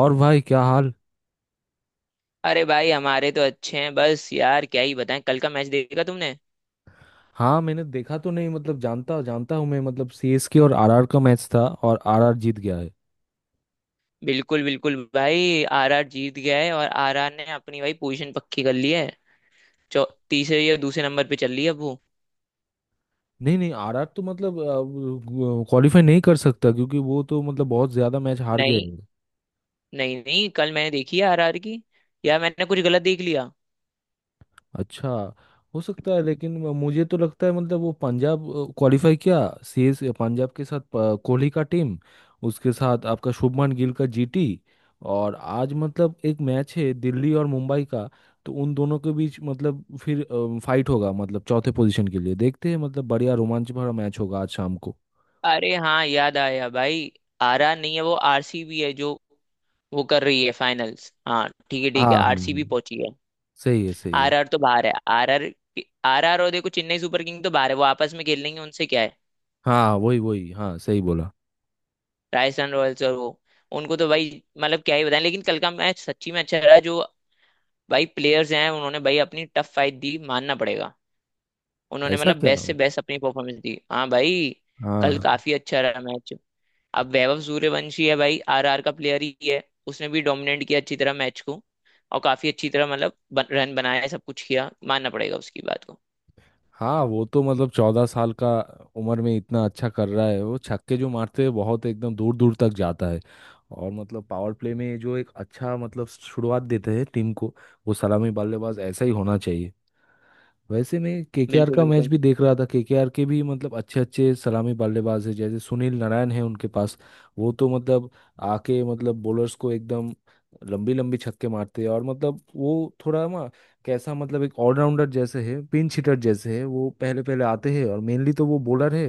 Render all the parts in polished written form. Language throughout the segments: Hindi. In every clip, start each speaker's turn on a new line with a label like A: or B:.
A: और भाई क्या हाल।
B: अरे भाई हमारे तो अच्छे हैं। बस यार क्या ही बताएं, कल का मैच देखा तुमने?
A: हाँ, मैंने देखा तो नहीं, मतलब जानता जानता हूँ मैं। मतलब सीएसके और आरआर का मैच था और आरआर जीत गया है।
B: बिल्कुल बिल्कुल भाई, आरआर जीत गया है और आरआर ने अपनी भाई पोजीशन पक्की कर ली है। चौ तीसरे या दूसरे नंबर पे चल रही है अब वो।
A: नहीं नहीं, आरआर तो मतलब क्वालिफाई नहीं कर सकता, क्योंकि वो तो मतलब बहुत ज्यादा मैच हार गए।
B: नहीं नहीं नहीं, कल मैंने देखी है आरआर की। यार मैंने कुछ गलत देख लिया।
A: अच्छा, हो सकता है, लेकिन मुझे तो लगता है मतलब वो पंजाब क्वालिफाई किया, सीएस पंजाब के साथ कोहली का टीम, उसके साथ आपका शुभमन गिल का जीटी। और आज मतलब एक मैच है दिल्ली और मुंबई का, तो उन दोनों के बीच मतलब फिर फाइट होगा, मतलब चौथे पोजीशन के लिए। देखते हैं, मतलब बढ़िया रोमांच भरा मैच होगा आज शाम को।
B: अरे हाँ याद आया भाई, आरआर नहीं है, वो आरसीबी है जो वो कर रही है फाइनल्स। हाँ ठीक है
A: हाँ
B: ठीक है,
A: हाँ,
B: आरसीबी
A: हाँ।
B: पहुंची है।
A: सही है, सही है।
B: आरआर तो बाहर है। आरआर आरआर और देखो, चेन्नई सुपर किंग तो बाहर है, वो आपस में खेल लेंगे, उनसे क्या है।
A: हाँ हाँ, वही वही, हाँ सही बोला।
B: राजस्थान रॉयल्स और वो, उनको तो भाई मतलब क्या ही बताएं। लेकिन कल का मैच सच्ची में अच्छा रहा। जो भाई प्लेयर्स हैं उन्होंने भाई अपनी टफ फाइट दी, मानना पड़ेगा। उन्होंने
A: ऐसा
B: मतलब
A: क्या
B: बेस्ट से
A: होता
B: बेस्ट अपनी परफॉर्मेंस दी। हाँ भाई,
A: है?
B: कल
A: हाँ।
B: काफी अच्छा रहा मैच। अब वैभव सूर्यवंशी है भाई, आरआर का प्लेयर ही है। उसने भी डोमिनेट किया अच्छी तरह मैच को, और काफी अच्छी तरह मतलब रन बनाया, सब कुछ किया, मानना पड़ेगा उसकी बात को।
A: हाँ वो तो मतलब 14 साल का उम्र में इतना अच्छा कर रहा है, वो छक्के जो मारते हैं बहुत एकदम दूर दूर तक जाता है। और मतलब पावर प्ले में जो एक अच्छा मतलब शुरुआत देते हैं टीम को, वो सलामी बल्लेबाज ऐसा ही होना चाहिए। वैसे मैं केकेआर
B: बिल्कुल
A: का मैच
B: बिल्कुल
A: भी देख रहा था, केकेआर के भी मतलब अच्छे अच्छे सलामी बल्लेबाज है, जैसे सुनील नारायण है उनके पास। वो तो मतलब आके मतलब बॉलर्स को एकदम लंबी लंबी छक्के मारते हैं। और मतलब वो थोड़ा ना कैसा, मतलब एक ऑलराउंडर जैसे है, पिंच हिटर जैसे है। वो पहले पहले आते हैं और मेनली तो वो बॉलर है,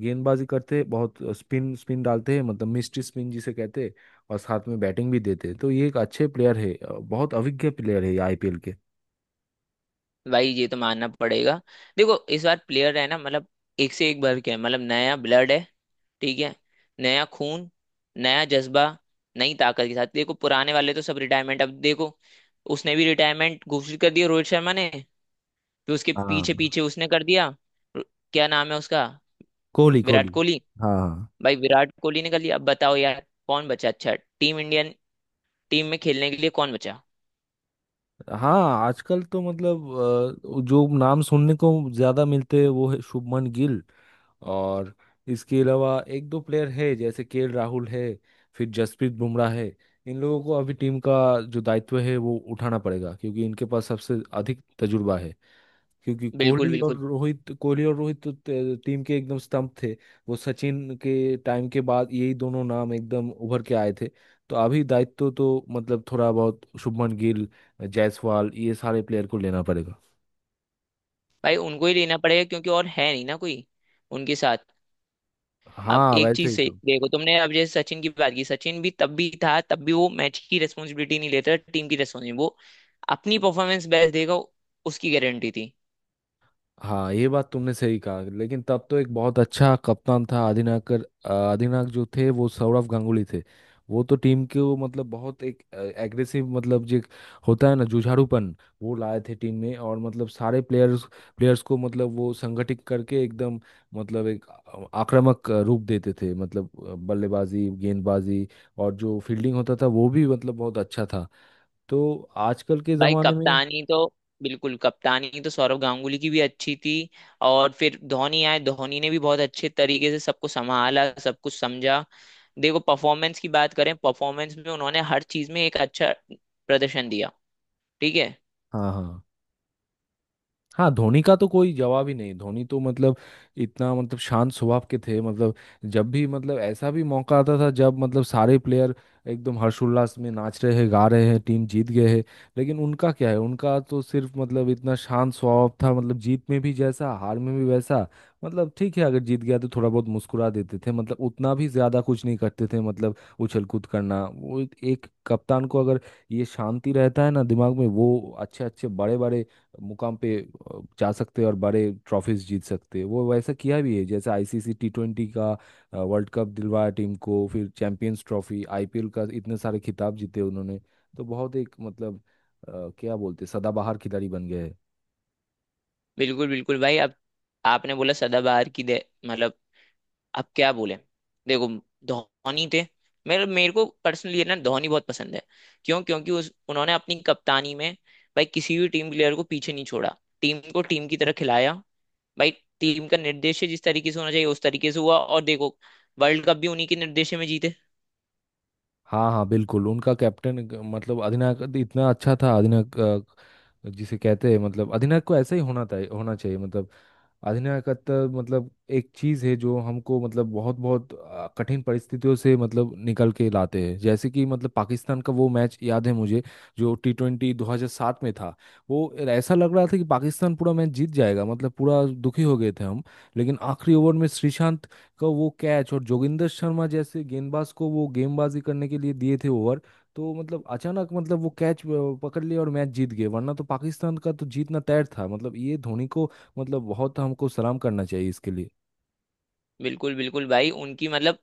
A: गेंदबाजी करते हैं, बहुत स्पिन स्पिन डालते हैं, मतलब मिस्ट्री स्पिन जिसे कहते हैं। और साथ में बैटिंग भी देते हैं, तो ये एक अच्छे प्लेयर है, बहुत अभिज्ञ प्लेयर है ये आईपीएल के।
B: भाई, ये तो मानना पड़ेगा। देखो इस बार प्लेयर है ना मतलब, एक से एक भर के है, मतलब नया ब्लड है। ठीक है। नया खून, नया जज्बा, नई ताकत के साथ। देखो पुराने वाले तो सब रिटायरमेंट। अब देखो उसने भी रिटायरमेंट घोषित कर दिया, रोहित शर्मा ने। फिर उसके पीछे
A: हाँ
B: पीछे उसने कर दिया। र- क्या नाम है उसका,
A: कोहली,
B: विराट
A: कोहली।
B: कोहली।
A: हाँ हाँ।
B: भाई विराट कोहली ने कर लिया, अब बताओ यार कौन बचा। अच्छा टीम इंडियन टीम में खेलने के लिए कौन बचा।
A: हाँ आजकल तो मतलब जो नाम सुनने को ज्यादा मिलते हैं वो है शुभमन गिल। और इसके अलावा एक दो प्लेयर है, जैसे केएल राहुल है, फिर जसप्रीत बुमराह है। इन लोगों को अभी टीम का जो दायित्व है वो उठाना पड़ेगा, क्योंकि इनके पास सबसे अधिक तजुर्बा है। क्योंकि
B: बिल्कुल
A: कोहली और
B: बिल्कुल
A: रोहित कोहली और रोहित तो टीम के एकदम स्तंभ थे। वो सचिन के टाइम के बाद यही दोनों नाम एकदम उभर के आए थे। तो अभी दायित्व तो मतलब थोड़ा बहुत शुभमन गिल, जायसवाल, ये सारे प्लेयर को लेना पड़ेगा।
B: भाई, उनको ही लेना पड़ेगा क्योंकि और है नहीं ना कोई उनके साथ। अब
A: हाँ
B: एक
A: वैसे
B: चीज
A: ही
B: से
A: तो।
B: देखो तुमने, अब जैसे सचिन की बात की, सचिन भी तब भी था, तब भी वो मैच की रेस्पॉन्सिबिलिटी नहीं लेता टीम की रेस्पॉन्सिबिलिटी, वो अपनी परफॉर्मेंस बेस्ट देगा, उसकी गारंटी थी।
A: हाँ ये बात तुमने सही कहा, लेकिन तब तो एक बहुत अच्छा कप्तान था। अधिनायकर, अधिनायक जो थे वो सौरव गांगुली थे। वो तो टीम के वो मतलब बहुत एक एग्रेसिव, मतलब जो एक होता है ना जुझारूपन, वो लाए थे टीम में। और मतलब सारे प्लेयर्स प्लेयर्स को मतलब वो संगठित करके एकदम मतलब एक आक्रामक रूप देते थे, मतलब बल्लेबाजी, गेंदबाजी और जो फील्डिंग होता था वो भी मतलब बहुत अच्छा था। तो आजकल के
B: भाई
A: ज़माने में।
B: कप्तानी तो बिल्कुल, कप्तानी तो सौरव गांगुली की भी अच्छी थी, और फिर धोनी आए। धोनी ने भी बहुत अच्छे तरीके से सबको संभाला, सब कुछ समझा। देखो परफॉर्मेंस की बात करें, परफॉर्मेंस में उन्होंने हर चीज में एक अच्छा प्रदर्शन दिया। ठीक है।
A: हाँ हाँ। हाँ धोनी का तो कोई जवाब ही नहीं। धोनी तो मतलब इतना मतलब शांत स्वभाव के थे। मतलब जब भी मतलब ऐसा भी मौका आता था जब मतलब सारे प्लेयर एकदम हर्षोल्लास में नाच रहे हैं, गा रहे हैं, टीम जीत गए हैं, लेकिन उनका क्या है, उनका तो सिर्फ मतलब इतना शांत स्वभाव था, मतलब जीत में भी जैसा हार में भी वैसा। मतलब ठीक है, अगर जीत गया तो थोड़ा बहुत मुस्कुरा देते थे, मतलब उतना भी ज्यादा कुछ नहीं करते थे, मतलब उछल कूद करना। वो एक कप्तान को अगर ये शांति रहता है ना दिमाग में, वो अच्छे अच्छे बड़े बड़े मुकाम पे जा सकते हैं और बड़े ट्रॉफीज जीत सकते हैं। वो वैसा किया भी है, जैसे आईसीसी टी ट्वेंटी का वर्ल्ड कप दिलवाया टीम को, फिर चैंपियंस ट्रॉफी, आईपीएल का, इतने सारे खिताब जीते उन्होंने। तो बहुत एक मतलब अ, क्या बोलते हैं, सदाबहार खिलाड़ी बन गए हैं।
B: बिल्कुल बिल्कुल भाई। अब आपने बोला सदाबहार की दे मतलब, अब क्या बोले। देखो धोनी थे, मेरे मेरे को पर्सनली ना धोनी बहुत पसंद है। क्यों? क्योंकि उस उन्होंने अपनी कप्तानी में भाई किसी भी टीम प्लेयर को पीछे नहीं छोड़ा, टीम को टीम की तरह खिलाया। भाई टीम का निर्देश जिस तरीके से होना चाहिए उस तरीके से हुआ, और देखो वर्ल्ड कप भी उन्हीं के निर्देश में जीते।
A: हाँ हाँ, बिल्कुल उनका कैप्टन, मतलब अधिनायक इतना अच्छा था। अधिनायक जिसे कहते हैं, मतलब अधिनायक को ऐसा ही होना था, होना चाहिए। मतलब अधिनायकत्व मतलब एक चीज है जो हमको मतलब बहुत बहुत कठिन परिस्थितियों से मतलब निकल के लाते हैं। जैसे कि मतलब पाकिस्तान का वो मैच याद है मुझे, जो टी ट्वेंटी 2007 में था। वो ऐसा लग रहा था कि पाकिस्तान पूरा मैच जीत जाएगा, मतलब पूरा दुखी हो गए थे हम। लेकिन आखिरी ओवर में श्रीशांत का वो कैच, और जोगिंदर शर्मा जैसे गेंदबाज को वो गेंदबाजी करने के लिए दिए थे ओवर, तो मतलब अचानक मतलब वो कैच पकड़ लिया और मैच जीत गए, वरना तो पाकिस्तान का तो जीतना तय था। मतलब ये धोनी को मतलब बहुत हमको सलाम करना चाहिए इसके लिए।
B: बिल्कुल बिल्कुल भाई, उनकी मतलब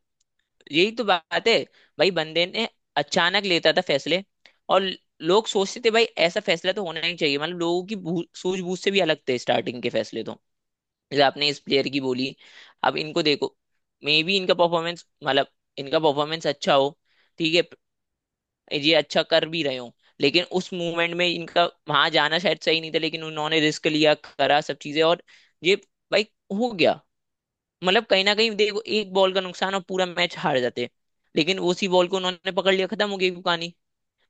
B: यही तो बात है। भाई बंदे ने अचानक लेता था फैसले, और लोग सोचते थे भाई ऐसा फैसला तो होना नहीं चाहिए, मतलब लोगों की सूझबूझ से भी अलग थे स्टार्टिंग के फैसले तो। जैसे आपने इस प्लेयर की बोली, अब इनको देखो, मे बी इनका परफॉर्मेंस मतलब इनका परफॉर्मेंस अच्छा हो, ठीक है, ये अच्छा कर भी रहे हो, लेकिन उस मूवमेंट में इनका वहां जाना शायद सही नहीं था। लेकिन उन्होंने रिस्क लिया, करा सब चीजें, और ये भाई हो गया। मतलब कहीं ना कहीं देखो एक बॉल का नुकसान और पूरा मैच हार जाते। लेकिन उसी बॉल को उन्होंने पकड़ लिया, खत्म हो गई कहानी,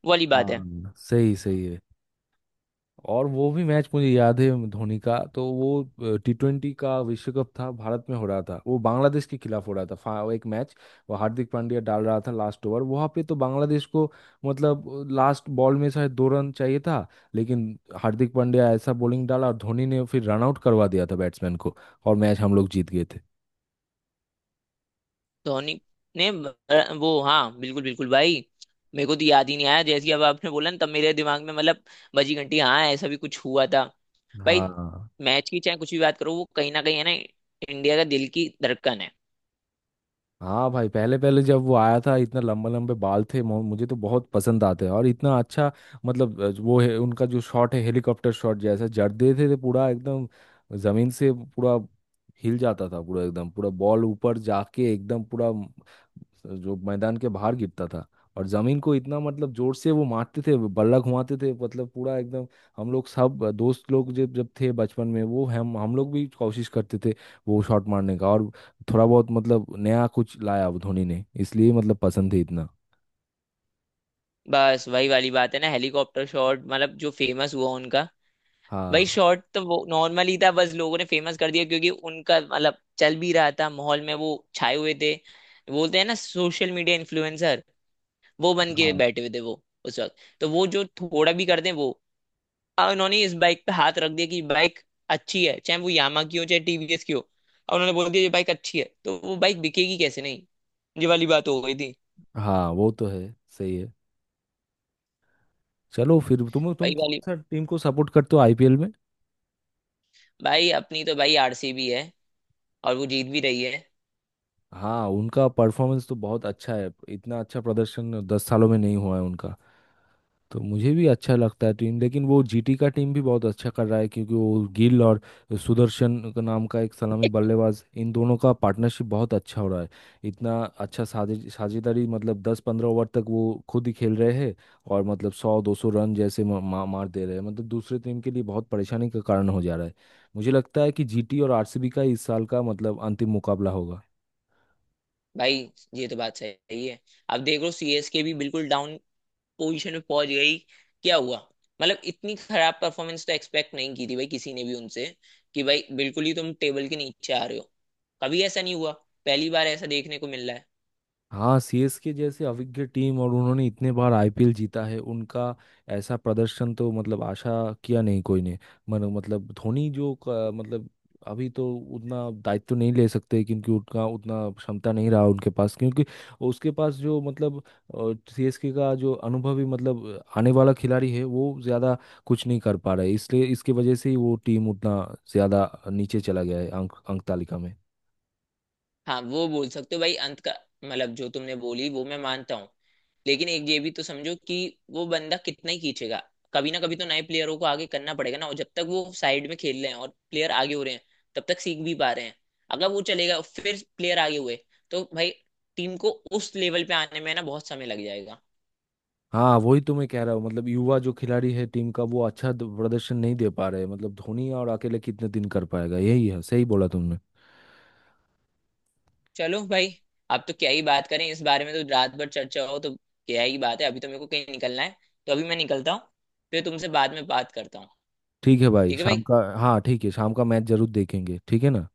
B: वो वाली बात है।
A: हाँ सही, सही है। और वो भी मैच मुझे याद है धोनी का, तो वो टी ट्वेंटी का विश्व कप था, भारत में हो रहा था, वो बांग्लादेश के खिलाफ हो रहा था। वो एक मैच, वो हार्दिक पांड्या डाल रहा था लास्ट ओवर वहां पे, तो बांग्लादेश को मतलब लास्ट बॉल में शायद 2 रन चाहिए था, लेकिन हार्दिक पांड्या ऐसा बॉलिंग डाला और धोनी ने फिर रन आउट करवा दिया था बैट्समैन को, और मैच हम लोग जीत गए थे।
B: धोनी ने वो हाँ, बिल्कुल बिल्कुल भाई, मेरे को तो याद ही नहीं आया। जैसे ही अब आपने बोला ना तब मेरे दिमाग में मतलब बजी घंटी, हाँ ऐसा भी कुछ हुआ था। भाई
A: हाँ।
B: मैच की चाहे कुछ भी बात करो, वो कहीं ना कहीं है ना इंडिया का दिल की धड़कन है।
A: हाँ भाई पहले पहले जब वो आया था, इतना लंबे लंबे बाल थे, मुझे तो बहुत पसंद आते हैं। और इतना अच्छा मतलब वो है उनका जो शॉट है, हेलीकॉप्टर शॉट जैसा जड़ते थे पूरा एकदम, जमीन से पूरा हिल जाता था पूरा एकदम, पूरा बॉल ऊपर जाके एकदम पूरा जो मैदान के बाहर गिरता था। और जमीन को इतना मतलब जोर से वो मारते थे, बल्ला घुमाते थे, मतलब पूरा एकदम। हम लोग सब दोस्त लोग जब जब थे बचपन में, वो हम लोग भी कोशिश करते थे वो शॉट मारने का। और थोड़ा बहुत मतलब नया कुछ लाया वो धोनी ने, इसलिए मतलब पसंद है इतना।
B: बस वही वाली बात है ना, हेलीकॉप्टर शॉट, मतलब जो फेमस हुआ उनका। भाई
A: हाँ
B: शॉट तो वो नॉर्मल ही था, बस लोगों ने फेमस कर दिया, क्योंकि उनका मतलब चल भी रहा था माहौल में, वो छाए हुए थे। बोलते हैं ना सोशल मीडिया इन्फ्लुएंसर, वो बन के
A: हाँ।
B: बैठे हुए थे वो उस वक्त। तो वो जो थोड़ा भी कर दें वो, अब उन्होंने इस बाइक पे हाथ रख दिया कि बाइक अच्छी है, चाहे वो यामा की हो, चाहे टीवीएस की हो, और उन्होंने बोल दिया ये बाइक अच्छी है, तो वो बाइक बिकेगी कैसे नहीं, ये वाली बात हो गई थी।
A: हाँ वो तो है, सही है। चलो फिर, तुम
B: भाई
A: कौन
B: वाली,
A: सा टीम को सपोर्ट करते हो आईपीएल में?
B: भाई अपनी तो भाई आरसीबी है, और वो जीत भी रही है।
A: हाँ उनका परफॉर्मेंस तो बहुत अच्छा है, इतना अच्छा प्रदर्शन 10 सालों में नहीं हुआ है उनका। तो मुझे भी अच्छा लगता है टीम, लेकिन वो जीटी का टीम भी बहुत अच्छा कर रहा है, क्योंकि वो गिल और सुदर्शन का नाम का एक सलामी बल्लेबाज, इन दोनों का पार्टनरशिप बहुत अच्छा हो रहा है। इतना अच्छा साझे साझेदारी, मतलब 10-15 ओवर तक वो खुद ही खेल रहे हैं। और मतलब 100-200 रन जैसे मा, मा, मार दे रहे हैं, मतलब दूसरे टीम के लिए बहुत परेशानी का कारण हो जा रहा है। मुझे लगता है कि जीटी और आरसीबी का इस साल का मतलब अंतिम मुकाबला होगा।
B: भाई ये तो बात सही है। अब देख लो सीएसके भी बिल्कुल डाउन पोजीशन में पहुंच गई, क्या हुआ? मतलब इतनी खराब परफॉर्मेंस तो एक्सपेक्ट नहीं की थी भाई किसी ने भी उनसे, कि भाई बिल्कुल ही तुम टेबल के नीचे आ रहे हो। कभी ऐसा नहीं हुआ, पहली बार ऐसा देखने को मिल रहा है।
A: हाँ सीएसके जैसे अविज्ञ टीम, और उन्होंने इतने बार आईपीएल जीता है, उनका ऐसा प्रदर्शन तो मतलब आशा किया नहीं कोई ने। मन मतलब धोनी जो मतलब अभी तो उतना दायित्व नहीं ले सकते, क्योंकि उनका उतना क्षमता नहीं रहा उनके पास। क्योंकि उसके पास जो मतलब सीएसके का जो अनुभवी मतलब आने वाला खिलाड़ी है, वो ज़्यादा कुछ नहीं कर पा रहा है, इसलिए इसकी वजह से ही वो टीम उतना ज़्यादा नीचे चला गया है अंक अंक तालिका में।
B: हाँ वो बोल सकते हो भाई अंत का, मतलब जो तुमने बोली वो मैं मानता हूँ, लेकिन एक ये भी तो समझो कि वो बंदा कितना ही खींचेगा, कभी ना कभी तो नए प्लेयरों को आगे करना पड़ेगा ना। और जब तक वो साइड में खेल रहे हैं और प्लेयर आगे हो रहे हैं तब तक सीख भी पा रहे हैं। अगर वो चलेगा और फिर प्लेयर आगे हुए, तो भाई टीम को उस लेवल पे आने में ना बहुत समय लग जाएगा।
A: हाँ वही तो मैं कह रहा हूँ, मतलब युवा जो खिलाड़ी है टीम का वो अच्छा प्रदर्शन नहीं दे पा रहे, मतलब धोनी और अकेले कितने दिन कर पाएगा। यही है, सही बोला तुमने।
B: चलो भाई, अब तो क्या ही बात करें इस बारे में, तो रात भर चर्चा हो तो क्या ही बात है। अभी तो मेरे को कहीं निकलना है, तो अभी मैं निकलता हूँ, फिर तुमसे बाद में बात करता हूँ।
A: ठीक है भाई,
B: ठीक है भाई,
A: शाम का हाँ, ठीक है, शाम का मैच जरूर देखेंगे, ठीक है ना?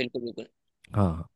B: बिल्कुल बिल्कुल।
A: हाँ हाँ।